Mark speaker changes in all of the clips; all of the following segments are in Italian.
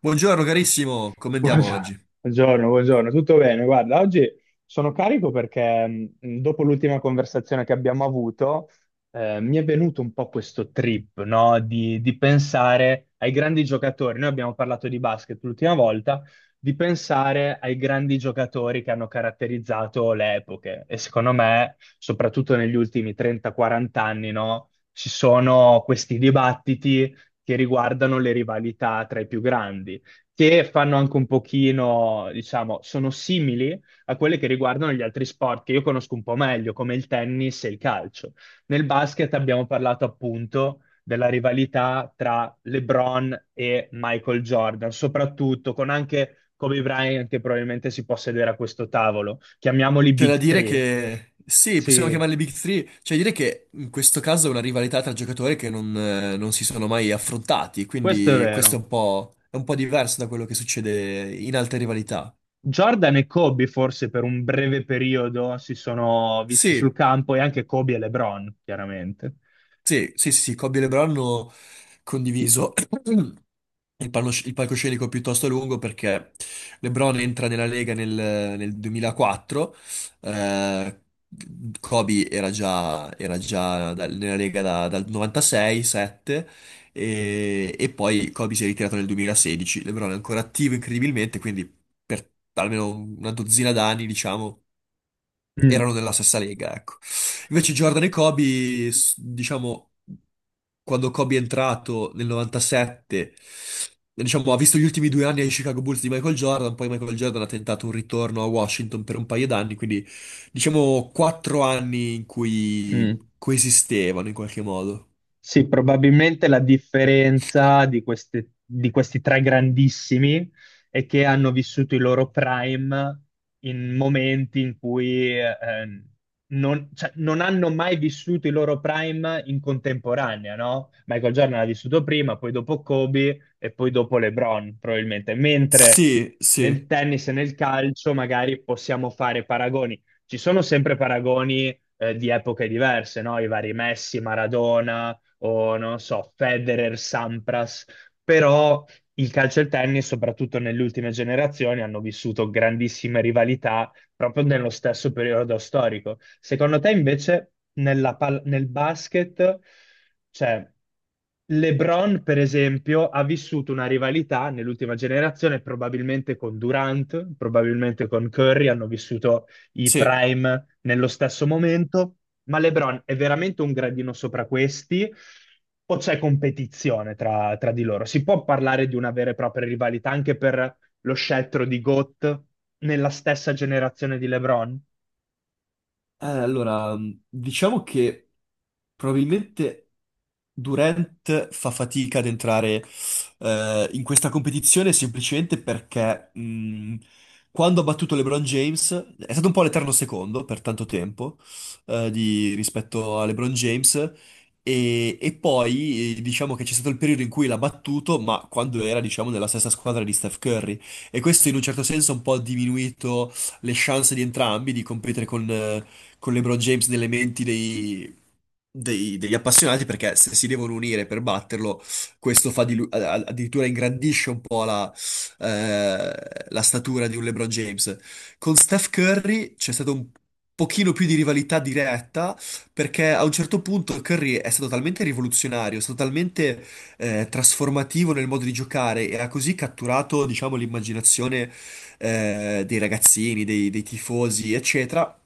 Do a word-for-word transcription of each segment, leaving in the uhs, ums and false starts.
Speaker 1: Buongiorno carissimo, come andiamo
Speaker 2: Buongiorno,
Speaker 1: oggi?
Speaker 2: buongiorno, buongiorno. tutto bene? Guarda, oggi sono carico perché mh, dopo l'ultima conversazione che abbiamo avuto, eh, mi è venuto un po' questo trip, no? Di, di pensare ai grandi giocatori. Noi abbiamo parlato di basket l'ultima volta, di pensare ai grandi giocatori che hanno caratterizzato le epoche. E secondo me, soprattutto negli ultimi trenta o quaranta anni, no? Ci sono questi dibattiti che riguardano le rivalità tra i più grandi che fanno anche un pochino, diciamo, sono simili a quelle che riguardano gli altri sport che io conosco un po' meglio, come il tennis e il calcio. Nel basket abbiamo parlato appunto della rivalità tra LeBron e Michael Jordan, soprattutto con anche Kobe Bryant che probabilmente si può sedere a questo tavolo. Chiamiamoli
Speaker 1: C'è da
Speaker 2: Big
Speaker 1: dire
Speaker 2: Three.
Speaker 1: che sì, possiamo
Speaker 2: Sì,
Speaker 1: chiamarle Big Three. C'è da dire che in questo caso è una rivalità tra giocatori che non, eh, non si sono mai affrontati,
Speaker 2: questo è
Speaker 1: quindi questo è
Speaker 2: vero.
Speaker 1: un po', è un po' diverso da quello che succede in altre rivalità.
Speaker 2: Jordan e Kobe forse per un breve periodo si sono visti sul
Speaker 1: Sì,
Speaker 2: campo e anche Kobe e LeBron, chiaramente.
Speaker 1: sì, sì, sì, sì, Kobe e LeBron hanno condiviso il, palno- il palcoscenico piuttosto lungo, perché LeBron entra nella Lega nel, nel duemilaquattro. eh, Kobe era già, era già dal- nella Lega da- dal novantasei sette, e e poi Kobe si è ritirato nel duemilasedici, LeBron è ancora attivo incredibilmente, quindi per almeno una dozzina d'anni, diciamo,
Speaker 2: Mh,
Speaker 1: erano nella stessa Lega, ecco. Invece Jordan e Kobe, s- diciamo, quando Kobe è entrato nel novantasette, diciamo, ha visto gli ultimi due anni ai Chicago Bulls di Michael Jordan, poi Michael Jordan ha tentato un ritorno a Washington per un paio d'anni, quindi diciamo quattro anni in cui
Speaker 2: mh.
Speaker 1: coesistevano in qualche modo.
Speaker 2: Sì, probabilmente la differenza di, queste- di questi tre grandissimi è che hanno vissuto il loro prime in momenti in cui eh, non, cioè, non hanno mai vissuto il loro prime in contemporanea, no? Michael Jordan l'ha vissuto prima, poi dopo Kobe e poi dopo LeBron, probabilmente. Mentre
Speaker 1: Sì,
Speaker 2: nel
Speaker 1: sì,
Speaker 2: tennis e nel calcio magari possiamo fare paragoni. Ci sono sempre paragoni eh, di epoche diverse, no? I vari Messi, Maradona o non so, Federer, Sampras, però il calcio e il tennis, soprattutto nelle ultime generazioni, hanno vissuto grandissime rivalità proprio nello stesso periodo storico. Secondo te invece nella pal- nel basket, cioè LeBron per esempio ha vissuto una rivalità nell'ultima generazione probabilmente con Durant, probabilmente con Curry, hanno vissuto i
Speaker 1: sì.
Speaker 2: prime nello stesso momento, ma LeBron è veramente un gradino sopra questi? O c'è competizione tra, tra di loro? Si può parlare di una vera e propria rivalità anche per lo scettro di GOAT nella stessa generazione di LeBron?
Speaker 1: Eh, allora, mh, diciamo che probabilmente Durant fa fatica ad entrare eh, in questa competizione, semplicemente perché, mh, quando ha battuto LeBron James è stato un po' l'eterno secondo per tanto tempo, eh, di- rispetto a LeBron James. E e poi, eh, diciamo che c'è stato il periodo in cui l'ha battuto, ma quando era diciamo nella stessa squadra di Steph Curry, e questo in un certo senso ha un po' diminuito le chance di entrambi di competere con, eh, con LeBron James nelle menti dei, dei- degli appassionati, perché se si devono unire per batterlo, questo fa di lui- a- a- addirittura ingrandisce un po' la, eh, la statura di un LeBron James. Con Steph Curry c'è stato un pochino più di rivalità diretta, perché a un certo punto Curry è stato talmente rivoluzionario, è stato talmente, eh, trasformativo nel modo di giocare e ha così catturato, diciamo, l'immaginazione, eh, dei ragazzini, dei, dei tifosi, eccetera,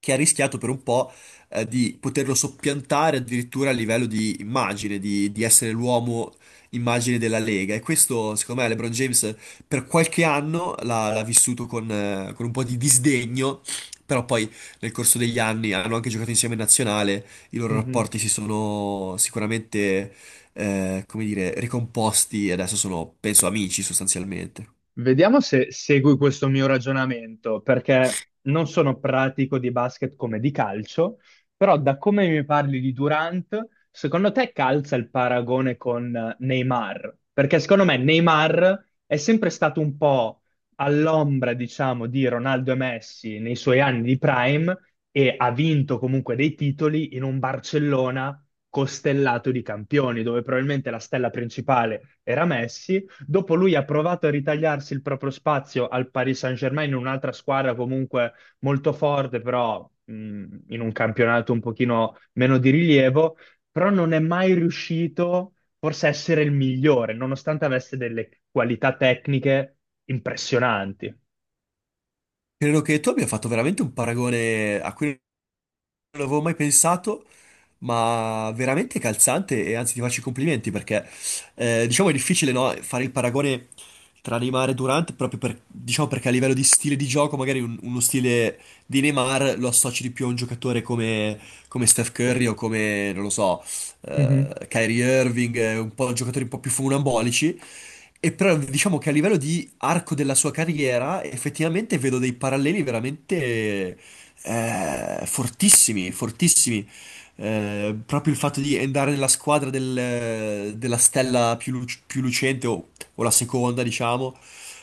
Speaker 1: che ha rischiato per un po', eh, di poterlo soppiantare addirittura a livello di immagine, di, di essere l'uomo immagine della Lega. E questo, secondo me, LeBron James per qualche anno l'ha l'ha vissuto con, eh, con un po' di disdegno. Però poi nel corso degli anni hanno anche giocato insieme in nazionale, i loro
Speaker 2: Mhm.
Speaker 1: rapporti si sono sicuramente, eh, come dire, ricomposti, e adesso sono, penso, amici sostanzialmente.
Speaker 2: Vediamo se segui questo mio ragionamento, perché non sono pratico di basket come di calcio, però da come mi parli di Durant, secondo te calza il paragone con Neymar? Perché secondo me Neymar è sempre stato un po' all'ombra, diciamo, di Ronaldo e Messi nei suoi anni di prime e ha vinto comunque dei titoli in un Barcellona costellato di campioni, dove probabilmente la stella principale era Messi. Dopo lui ha provato a ritagliarsi il proprio spazio al Paris Saint-Germain in un'altra squadra comunque molto forte, però mh, in un campionato un pochino meno di rilievo, però non è mai riuscito forse a essere il migliore, nonostante avesse delle qualità tecniche impressionanti.
Speaker 1: Credo che tu abbia fatto veramente un paragone a cui non avevo mai pensato, ma veramente calzante, e anzi ti faccio i complimenti perché, eh, diciamo è difficile, no, fare il paragone tra Neymar e Durant proprio per- diciamo, perché a livello di stile di gioco magari un- uno stile di Neymar lo associ di più a un giocatore come, come Steph Curry o come, non lo so,
Speaker 2: Mhm,
Speaker 1: eh, Kyrie Irving, eh, un po' giocatori un po' più funambolici. E però diciamo che a livello di arco della sua carriera effettivamente vedo dei paralleli veramente, eh, fortissimi, fortissimi. Eh, proprio il fatto di andare nella squadra del- della stella più, lu- più lucente, o, o la seconda, diciamo,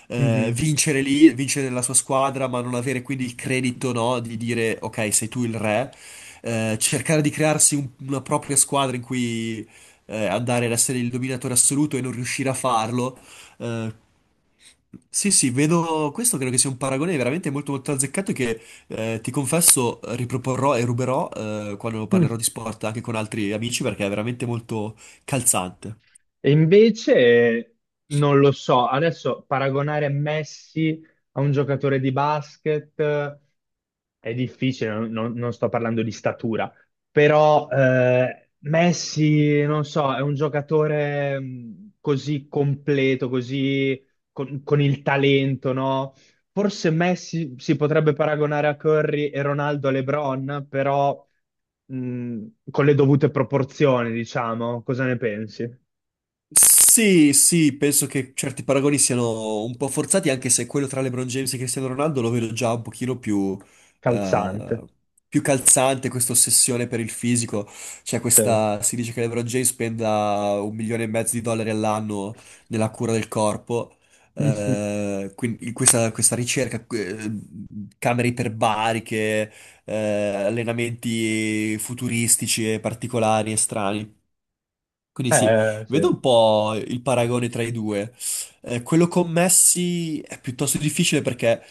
Speaker 1: eh,
Speaker 2: mhm.
Speaker 1: vincere lì, vincere nella sua squadra, ma non avere quindi il credito, no, di dire ok, sei tu il re. Eh, cercare di crearsi un- una propria squadra in cui, eh, andare ad essere il dominatore assoluto e non riuscire a farlo. Eh, sì, sì, vedo questo. Credo che sia un paragone veramente molto molto azzeccato che, eh, ti confesso, riproporrò e ruberò, eh, quando parlerò
Speaker 2: Mm.
Speaker 1: di sport anche con altri amici, perché è veramente molto calzante.
Speaker 2: E invece non lo so, adesso paragonare Messi a un giocatore di basket È difficile, non, non- non sto parlando di statura, però eh, Messi, non so, è un giocatore mh, così completo, così con, con il talento, no? Forse Messi si potrebbe paragonare a Curry e Ronaldo a LeBron, però mh, con le dovute proporzioni, diciamo. Cosa ne pensi?
Speaker 1: Sì, sì, penso che certi paragoni siano un po' forzati, anche se quello tra LeBron James e Cristiano Ronaldo lo vedo già un pochino più,
Speaker 2: Calzante,
Speaker 1: eh, più calzante, questa ossessione per il fisico. Cioè
Speaker 2: sì.
Speaker 1: questa, si dice che LeBron James spenda un milione e mezzo di dollari all'anno nella cura del corpo, eh, quindi questa, questa ricerca, eh, camere iperbariche, eh, allenamenti futuristici e particolari e strani. Quindi sì,
Speaker 2: Eh, sì,
Speaker 1: vedo un po' il paragone tra i due. Eh, quello con Messi è piuttosto difficile, perché,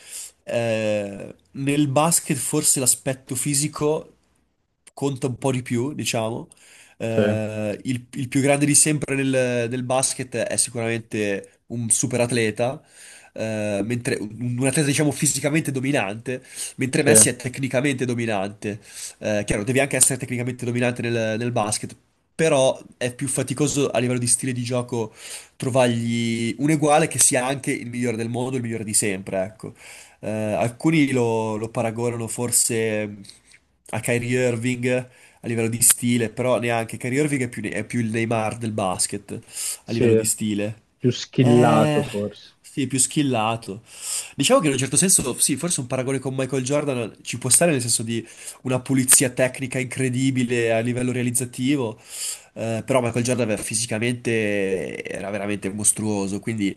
Speaker 1: eh, nel basket forse l'aspetto fisico conta un po' di più, diciamo.
Speaker 2: sì,
Speaker 1: Eh, il, il più grande di sempre nel, nel basket è sicuramente un super atleta, eh, mentre un, un atleta diciamo fisicamente dominante, mentre
Speaker 2: sì,
Speaker 1: Messi è tecnicamente dominante. Eh, chiaro, devi anche essere tecnicamente dominante nel, nel basket, però è più faticoso a livello di stile di gioco trovargli un uguale che sia anche il migliore del mondo, il migliore di sempre, ecco. Eh, alcuni lo, lo paragonano forse, mm, a Kyrie Irving a livello di stile, però neanche Kyrie Irving è più, è più il Neymar del basket a livello di
Speaker 2: sì,
Speaker 1: stile.
Speaker 2: più
Speaker 1: Eh,
Speaker 2: schillato forse.
Speaker 1: sì, più skillato. Diciamo che in un certo senso, sì, forse un paragone con Michael Jordan ci può stare, nel senso di una pulizia tecnica incredibile a livello realizzativo, eh, però Michael Jordan era- fisicamente era veramente mostruoso, quindi,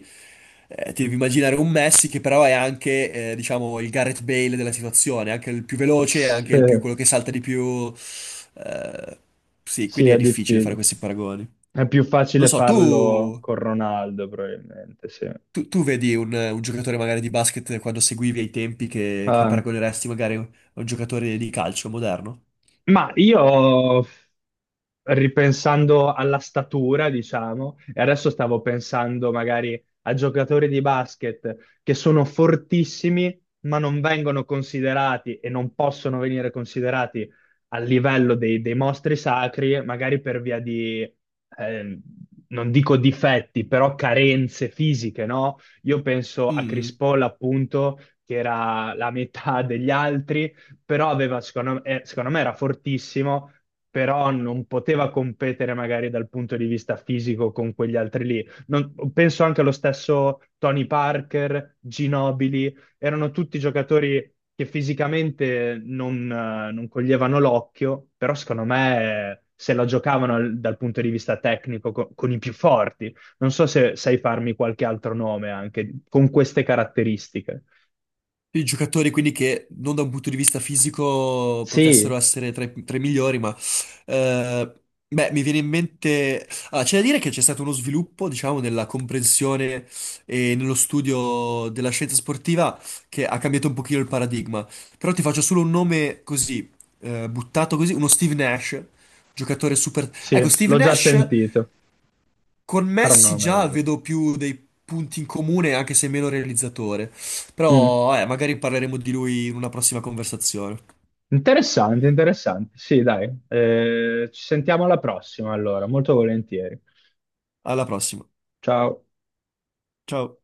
Speaker 1: eh, ti devi immaginare un Messi che però è anche, eh, diciamo, il Gareth Bale della situazione, anche il più veloce,
Speaker 2: Sì,
Speaker 1: anche il più, quello che salta di più. Eh, sì,
Speaker 2: sì,
Speaker 1: quindi è
Speaker 2: è
Speaker 1: difficile fare
Speaker 2: difficile.
Speaker 1: questi paragoni.
Speaker 2: È più
Speaker 1: Non
Speaker 2: facile
Speaker 1: so,
Speaker 2: farlo
Speaker 1: tu,
Speaker 2: con Ronaldo, probabilmente, sì.
Speaker 1: tu- tu vedi un, un giocatore magari di basket quando seguivi ai tempi, che, che
Speaker 2: Ah.
Speaker 1: paragoneresti magari a un giocatore di calcio moderno?
Speaker 2: Ma io, ripensando alla statura, diciamo, e adesso stavo pensando magari a giocatori di basket che sono fortissimi, ma non vengono considerati e non possono venire considerati a livello dei, dei mostri sacri, magari per via di, eh, non dico difetti, però carenze fisiche, no? Io penso a Chris
Speaker 1: Mm.
Speaker 2: Paul, appunto, che era la metà degli altri però aveva, secondo me, eh, secondo me era fortissimo, però non poteva competere magari dal punto di vista fisico con quegli altri lì. Non- penso anche allo stesso Tony Parker, Ginobili, erano tutti giocatori che fisicamente non, eh, non coglievano l'occhio, però secondo me eh, se la giocavano al- dal punto di vista tecnico co- con i più forti. Non so se sai farmi qualche altro nome anche con queste caratteristiche.
Speaker 1: I giocatori quindi che non da un punto di vista fisico potessero
Speaker 2: Sì,
Speaker 1: essere tra i, tra i migliori, ma, eh, beh, mi viene in mente... Ah, c'è da dire che c'è stato uno sviluppo, diciamo, nella comprensione e nello studio della scienza sportiva, che ha cambiato un pochino il paradigma. Però ti faccio solo un nome così, eh, buttato così, uno Steve Nash, giocatore super...
Speaker 2: sì,
Speaker 1: Ecco, Steve
Speaker 2: l'ho già
Speaker 1: Nash
Speaker 2: sentito.
Speaker 1: con
Speaker 2: Però non
Speaker 1: Messi
Speaker 2: l'ho mai
Speaker 1: già
Speaker 2: visto.
Speaker 1: vedo più dei punti in comune, anche se meno realizzatore.
Speaker 2: Mm.
Speaker 1: Però, eh, magari parleremo di lui in una prossima conversazione.
Speaker 2: Interessante, interessante. Sì, dai. Eh, ci sentiamo alla prossima, allora, molto volentieri.
Speaker 1: Alla prossima.
Speaker 2: Ciao.
Speaker 1: Ciao.